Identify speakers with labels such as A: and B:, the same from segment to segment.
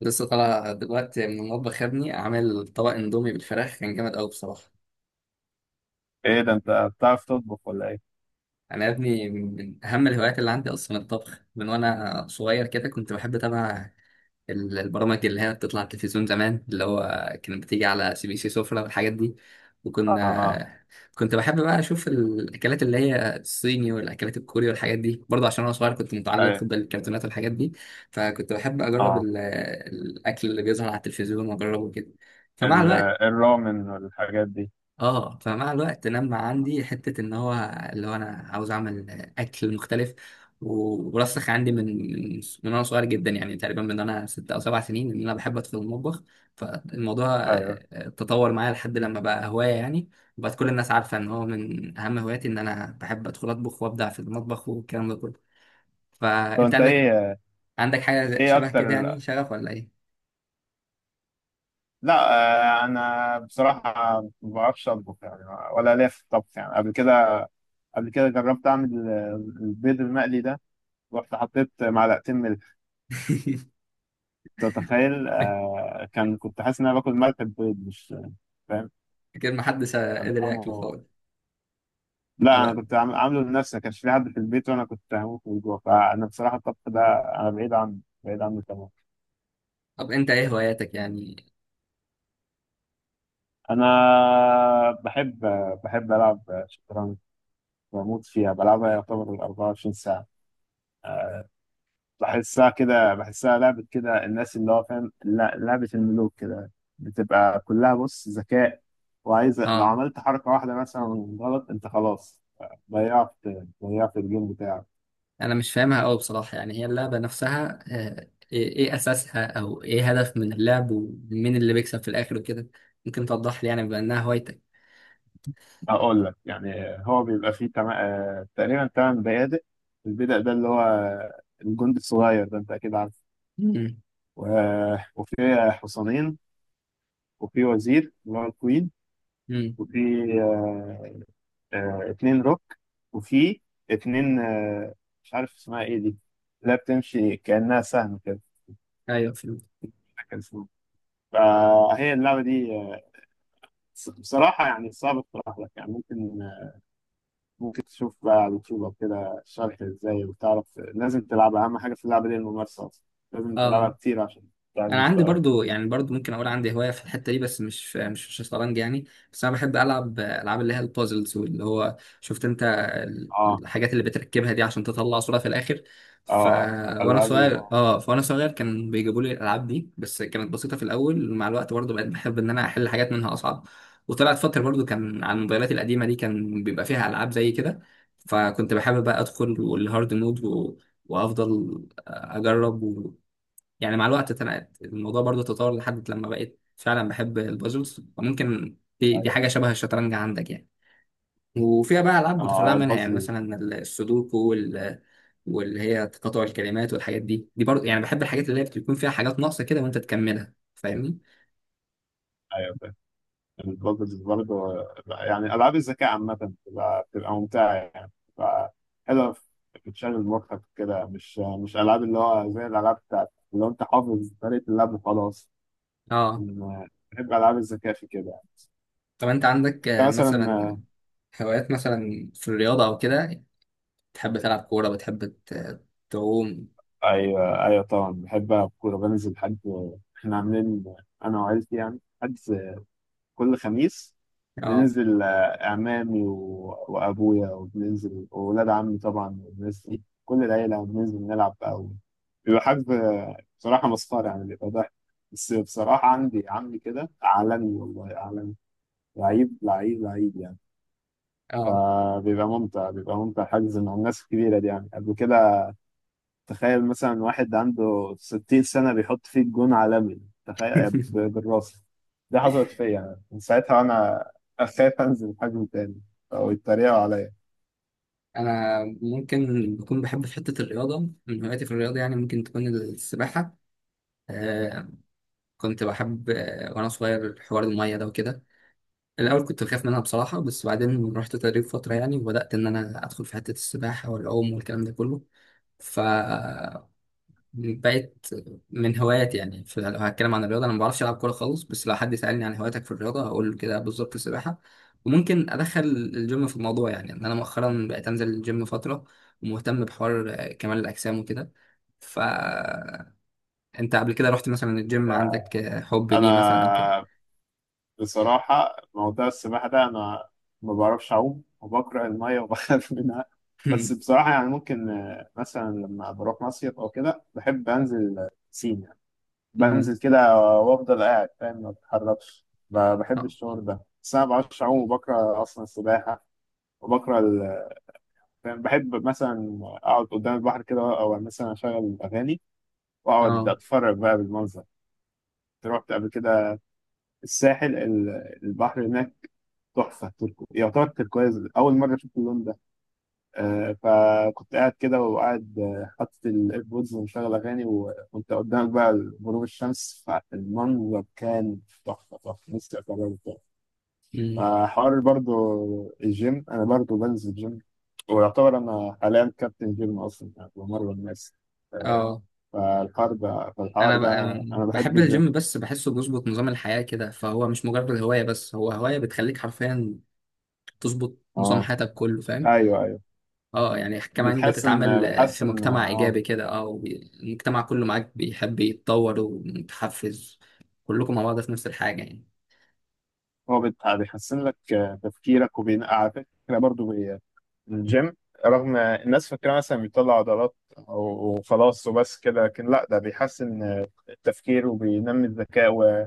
A: لسه طالع دلوقتي من المطبخ يا ابني، عامل طبق اندومي بالفراخ، كان جامد قوي بصراحه.
B: ايه ده، انت بتعرف تطبخ ولا ايه؟
A: انا يا ابني من اهم الهوايات اللي عندي اصلا الطبخ. من وانا صغير كده كنت بحب اتابع البرامج اللي هي بتطلع على التلفزيون زمان، اللي هو كانت بتيجي على سي بي سي سفرة والحاجات دي.
B: اه.
A: وكنا كنت بحب بقى اشوف الاكلات اللي هي الصيني والاكلات الكوري والحاجات دي، برضه عشان انا صغير كنت
B: ايوه.
A: متعلق بالكرتونات والحاجات دي. فكنت بحب اجرب
B: اه.
A: الاكل اللي بيظهر على التلفزيون واجربه كده. فمع
B: ال-
A: الوقت
B: الرامن والحاجات دي.
A: اه فمع الوقت لما عندي حتة ان هو، اللي هو انا عاوز اعمل اكل مختلف، ورسخ عندي من وانا صغير جدا، يعني تقريبا من انا 6 او 7 سنين ان انا بحب ادخل المطبخ. فالموضوع
B: ايوه.
A: تطور معايا لحد لما بقى هواية يعني. وبقت كل الناس عارفة ان هو من اهم هواياتي ان انا بحب ادخل اطبخ وابدع في المطبخ والكلام ده كله.
B: طب
A: فانت
B: انت
A: عندك
B: ايه؟
A: عندك حاجة شبه
B: اكتر.
A: كده يعني، شغف ولا ايه؟
B: لا. انا بصراحه ما بعرفش اطبخ يعني، ولا ليا في الطبخ يعني قبل كده. قبل كده جربت اعمل البيض المقلي ده، رحت حطيت معلقتين ملح. تتخيل؟ كنت حاسس ان انا باكل ملح، البيض مش فاهم
A: اكيد محدش
B: كان
A: قدر ياكل
B: طعمه.
A: خالص.
B: لا انا
A: طب
B: كنت عامله لنفسي، ما كانش في حد في البيت وانا كنت هموت من الجوع، فانا بصراحه الطبخ ده انا بعيد عنه، بعيد عنه تمام.
A: طب انت ايه هواياتك يعني؟
B: انا بحب العب شطرنج، بموت فيها، بلعبها يعتبر 24 ساعه. بحسها لعبه كده، الناس اللي هو فاهم، لا لعبه الملوك كده. بتبقى كلها بص ذكاء، وعايزه لو
A: اه،
B: عملت حركه واحده مثلا غلط انت خلاص، ضيعت ضيعت الجيم بتاعك.
A: انا مش فاهمها قوي بصراحه يعني، هي اللعبه نفسها آه، ايه اساسها او ايه هدف من اللعب ومين اللي بيكسب في الاخر وكده. ممكن توضح لي يعني بما انها هوايتك؟
B: هقول لك يعني، هو بيبقى فيه تقريبا تمن بيادق. البيدق ده اللي هو الجندي الصغير ده، انت اكيد عارف.
A: امم.
B: و... وفي حصانين، وفي وزير اللي هو الكوين،
A: امم.
B: وفي آه، اتنين روك، وفي اتنين مش عارف اسمها ايه دي، لا بتمشي كأنها سهم كده،
A: ايوه، فهمت.
B: مش فاكر اسمها. فهي اللعبة دي بصراحة يعني صعب اقتراح لك. يعني ممكن تشوف بقى على اليوتيوب أو كده شرح ازاي، وتعرف لازم تلعبها. اهم حاجه في اللعبه دي الممارسه اصلا، لازم تلعبها
A: اه.
B: كتير عشان تعلي
A: انا عندي
B: مستواك.
A: برضو، يعني برضو ممكن اقول عندي هوايه في الحته دي، بس مش في الشطرنج يعني. بس انا بحب العب العاب اللي هي البازلز، واللي هو شفت انت
B: اه.
A: الحاجات اللي بتركبها دي عشان تطلع صوره في الاخر.
B: اه.
A: ف
B: آه.
A: وانا
B: العاب
A: صغير اه فانا صغير كان بيجيبوا لي الالعاب دي، بس كانت بسيطه في الاول. مع الوقت برضو بقيت بحب ان انا احل حاجات منها اصعب. وطلعت فتره برضو كان على الموبايلات القديمه دي كان بيبقى فيها العاب زي كده. فكنت بحب بقى ادخل والهارد مود، وافضل اجرب. يعني مع الوقت اتنقلت الموضوع، برضو تطور لحد لما بقيت فعلا بحب البازلز، وممكن دي حاجة شبه الشطرنج عندك يعني. وفيها بقى ألعاب متفرعة
B: اه.
A: منها، يعني
B: البازل؟
A: مثلا السودوكو واللي هي تقاطع الكلمات والحاجات دي برضو، يعني بحب الحاجات اللي هي بتكون فيها حاجات ناقصة كده وانت تكملها، فاهمني؟
B: ايوه فاهم. البازل برضه يعني العاب الذكاء عامه، بتبقى ممتعه، يعني بتبقى حلوه بتشغل مخك كده، مش العاب اللي هو زي الالعاب بتاعت اللي هو انت حافظ طريقه اللعب وخلاص.
A: اه.
B: بحب العاب الذكاء في كده.
A: طب انت عندك
B: انت مثلا؟
A: مثلا هوايات مثلا في الرياضة او كده؟ تحب تلعب كورة؟ بتحب تعوم؟
B: ايوه ايوه، طبعا بحب العب كوره، بنزل حد. احنا عاملين انا وعيلتي يعني، حد كل خميس
A: اه،
B: بننزل، اعمامي وابويا، وبننزل واولاد عمي طبعا والناس دي كل العيله، يعني بننزل نلعب. او بيبقى حد بصراحه مسخره، يعني بيبقى ضحك. بس بصراحه عندي عمي كده عالمي، والله عالمي، لعيب لعيب لعيب يعني.
A: اه.
B: فبيبقى ممتع، بيبقى ممتع حجز مع الناس الكبيره دي يعني. قبل كده تخيل مثلا واحد عنده 60 سنة بيحط فيه جون عالمي، تخيل! بالراس. ده حصلت فيا أنا. من ساعتها وأنا أخاف أنزل حجم تاني أو يتريقوا عليا.
A: انا ممكن بكون بحب في حته الرياضه. من هواياتي في الرياضه يعني ممكن تكون السباحه. آه كنت بحب وانا صغير حوار الميه ده وكده. الاول كنت بخاف منها بصراحه، بس بعدين رحت تدريب فتره يعني وبدات ان انا ادخل في حته السباحه والعوم والكلام ده كله، ف بقت من هواياتي يعني. في، لو هتكلم عن الرياضه انا ما بعرفش العب كوره خالص، بس لو حد سالني عن هواياتك في الرياضه هقول له كده بالظبط، السباحه. وممكن ادخل الجيم في الموضوع، يعني ان انا مؤخرا بقيت انزل الجيم فتره، ومهتم بحوار كمال الاجسام وكده. فانت قبل كده رحت مثلا الجيم، عندك حب ليه مثلا او كده؟
B: أنا بصراحة موضوع السباحة ده، أنا ما بعرفش أعوم وبكره المية وبخاف منها. بس بصراحة يعني ممكن مثلا لما بروح مصيف أو كده، بحب أنزل بسين،
A: أمم.
B: بنزل كده وافضل قاعد فاهم، ما بتحركش. بحب
A: اه،
B: الشعور ده، بس انا ما بعرفش اعوم وبكره اصلا السباحه، وبكره فاهم؟ بحب مثلا اقعد قدام البحر كده، او مثلا اشغل اغاني واقعد
A: اه.
B: اتفرج بقى بالمنظر. رحت قبل كده الساحل، البحر هناك تحفه، يعتبر تركواز، اول مره اشوف اللون ده. فكنت قاعد كده، وقاعد حاطط الايربودز، ومشغل اغاني، وانت قدامك بقى غروب الشمس، فالمنظر كان تحفه، تحفه، نفسي اكرره تاني.
A: أمم.
B: فحوار برضو الجيم، انا برضو بنزل جيم، ويعتبر انا حاليا كابتن جيم اصلا يعني، بمرن الناس.
A: اه.
B: فالحوار
A: انا ب-
B: ده
A: أنا
B: انا بحب
A: بحب
B: الجيم.
A: الجيم، بس بحسه بيظبط نظام الحياه كده، فهو مش مجرد هوايه، بس هو هوايه بتخليك حرفيا تظبط نظام
B: اه.
A: حياتك كله، فاهم؟
B: ايوه ايوه.
A: اه، يعني كمان
B: بتحسن،
A: بتتعامل في
B: بتحسن.
A: مجتمع
B: اه.
A: ايجابي كده، المجتمع كله معاك بيحب يتطور ومتحفز. كلكم مع بعض في نفس الحاجه يعني.
B: هو بيحسن لك تفكيرك، وبين على فكره برضه الجيم، رغم الناس فاكرة مثلا بيطلع عضلات أو خلاص وبس كده، لكن لا، ده بيحسن التفكير، وبينمي الذكاء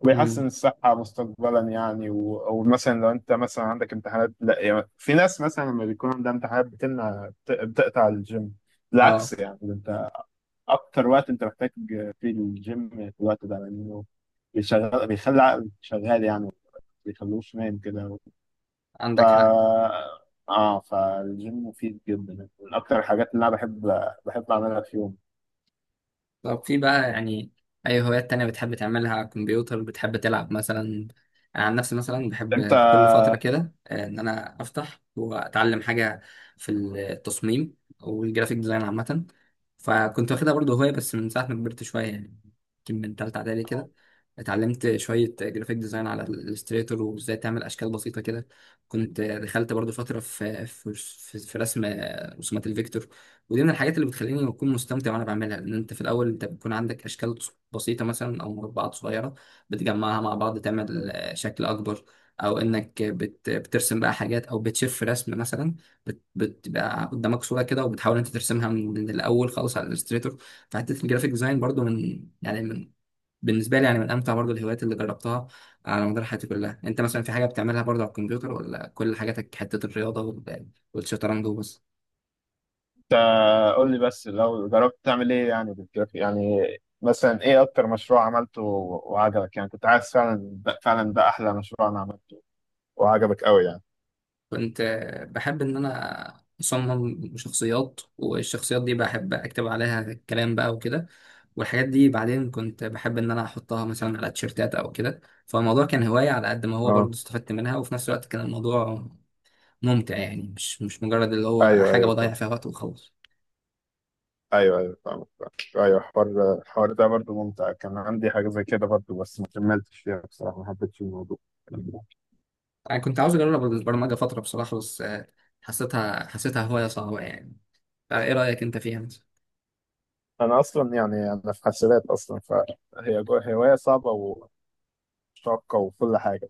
B: وبيحسن
A: امم.
B: الصحة مستقبلا يعني. أو مثلا لو أنت مثلا عندك امتحانات، لا يعني، في ناس مثلا لما بيكون عندها امتحانات بتمنع، بتقطع الجيم.
A: اه.
B: بالعكس يعني، ده أنت أكتر وقت أنت محتاج فيه الجيم في الوقت ده، لأنه بيشغل، بيخلي عقلك شغال، يعني ما بيخلوش نايم كده. ف
A: عندك حق.
B: اه، فالجيم مفيد جدا، من اكتر الحاجات اللي انا بحب اعملها في يوم.
A: طب في بقى يعني، أي هوايات تانية بتحب تعملها على الكمبيوتر؟ بتحب تلعب مثلا؟ أنا عن نفسي مثلا
B: انت،
A: بحب كل فترة كده إن أنا أفتح وأتعلم حاجة في التصميم والجرافيك ديزاين عامة. فكنت واخدها برضه هواية، بس من ساعة ما كبرت شوية يعني، يمكن من تالتة إعدادي كده اتعلمت شوية جرافيك ديزاين على الإليستريتور، وإزاي تعمل أشكال بسيطة كده. كنت دخلت برضه فترة في رسم رسومات الفيكتور. ودي من الحاجات اللي بتخليني اكون مستمتع وانا بعملها، لان انت في الاول انت بيكون عندك اشكال بسيطه، مثلا او مربعات صغيره، بتجمعها مع بعض تعمل شكل اكبر. او انك بترسم بقى حاجات، او بتشف في رسم مثلا، بتبقى قدامك صوره كده وبتحاول انت ترسمها من الاول خالص على الالستريتور. فحته الجرافيك ديزاين برضو من يعني من بالنسبه لي يعني من امتع برضو الهوايات اللي جربتها على مدار حياتي كلها. انت مثلا في حاجه بتعملها برضو على الكمبيوتر، ولا كل حاجاتك حته الرياضه والشطرنج وبس؟
B: انت قول لي بس لو جربت تعمل ايه يعني بالجرافيك يعني. مثلا ايه اكتر مشروع عملته وعجبك، يعني كنت عايز فعلا، ده فعلا ده احلى مشروع انا عملته وعجبك قوي يعني؟
A: كنت بحب إن أنا أصمم شخصيات، والشخصيات دي بحب أكتب عليها الكلام بقى وكده، والحاجات دي بعدين كنت بحب إن أنا أحطها مثلا على تيشيرتات أو كده. فالموضوع كان هواية، على قد ما هو
B: اه.
A: برضه استفدت منها وفي نفس الوقت كان الموضوع ممتع يعني، مش مجرد اللي هو
B: ايوه
A: حاجة
B: ايوه فاهم.
A: بضيع فيها وقت وخلاص.
B: ايوه ايوه، فاهم فاهم. ايوه الحوار، ده برضه ممتع، كان عندي حاجه زي كده برضه، بس ما كملتش فيها بصراحه، ما حبيتش الموضوع.
A: أنا كنت عاوز أجرب البرمجة فترة بصراحة، بس حسيتها هواية صعبة يعني. فإيه رأيك أنت فيها مثلا؟
B: انا اصلا يعني انا في حاسبات اصلا، فهي هوايه صعبه وشاقه وكل حاجه.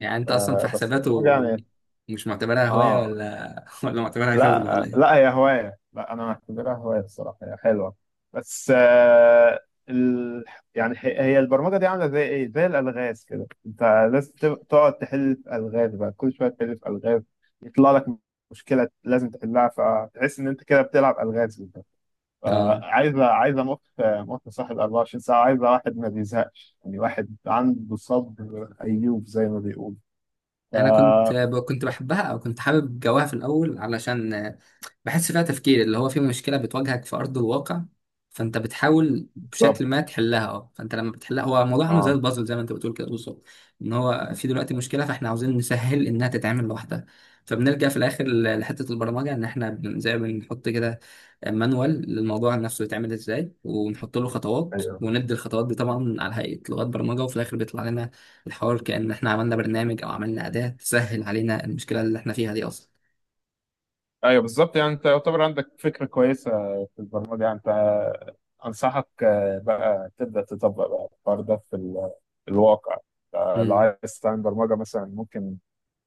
A: يعني أنت
B: ف-
A: أصلا في
B: بس
A: حسابات
B: البرمجه يعني.
A: مش معتبرها هواية،
B: اه.
A: ولا ولا معتبرها شغل
B: لا
A: ولا إيه؟
B: لا، هي هوايه، لا انا معتبرها هوايه الصراحه، هي حلوه بس ال... يعني هي البرمجه دي عامله زي ايه، زي الالغاز كده. انت لازم تقعد تحل في الغاز بقى، كل شويه تحل في الغاز، يطلع لك مشكله لازم تحلها، فتحس ان انت كده بتلعب الغاز.
A: اه.
B: عايزه، مخ، صاحب 24 ساعه، عايزه واحد ما بيزهقش يعني، واحد عنده صبر ايوب زي ما بيقول. ف
A: انا كنت بحبها، او كنت حابب جواها في الاول، علشان بحس فيها تفكير اللي هو في مشكلة بتواجهك في أرض الواقع. فأنت بتحاول بشكل ما
B: بالظبط.
A: تحلها، فأنت لما بتحلها هو الموضوع عامل زي
B: اه.
A: البازل، زي ما أنت بتقول كده بالظبط. إن هو في دلوقتي مشكلة، فإحنا عاوزين نسهل إنها تتعمل لوحدها. فبنرجع في الآخر لحتة البرمجة، إن إحنا زي ما بنحط كده مانوال للموضوع نفسه يتعمل إزاي، ونحط له خطوات،
B: ايوه
A: وندي الخطوات دي طبعا على هيئة لغات برمجة، وفي الآخر بيطلع لنا الحوار كأن إحنا عملنا برنامج أو عملنا أداة تسهل علينا المشكلة اللي إحنا فيها دي.
B: ايوه، بالظبط يعني. انت يعتبر عندك فكره كويسه في البرمجه يعني. انت انصحك بقى تبدا تطبق بقى الحوار ده في في الواقع. لو
A: أصلا.
B: عايز تعمل برمجه مثلا،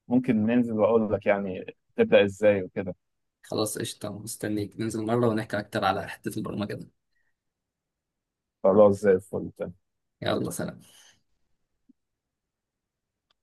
B: ممكن ننزل واقول لك يعني تبدا ازاي وكده.
A: خلاص قشطة، مستنيك ننزل مرة ونحكي أكتر على حتة البرمجة ده.
B: خلاص زي الفل.
A: يلا، سلام.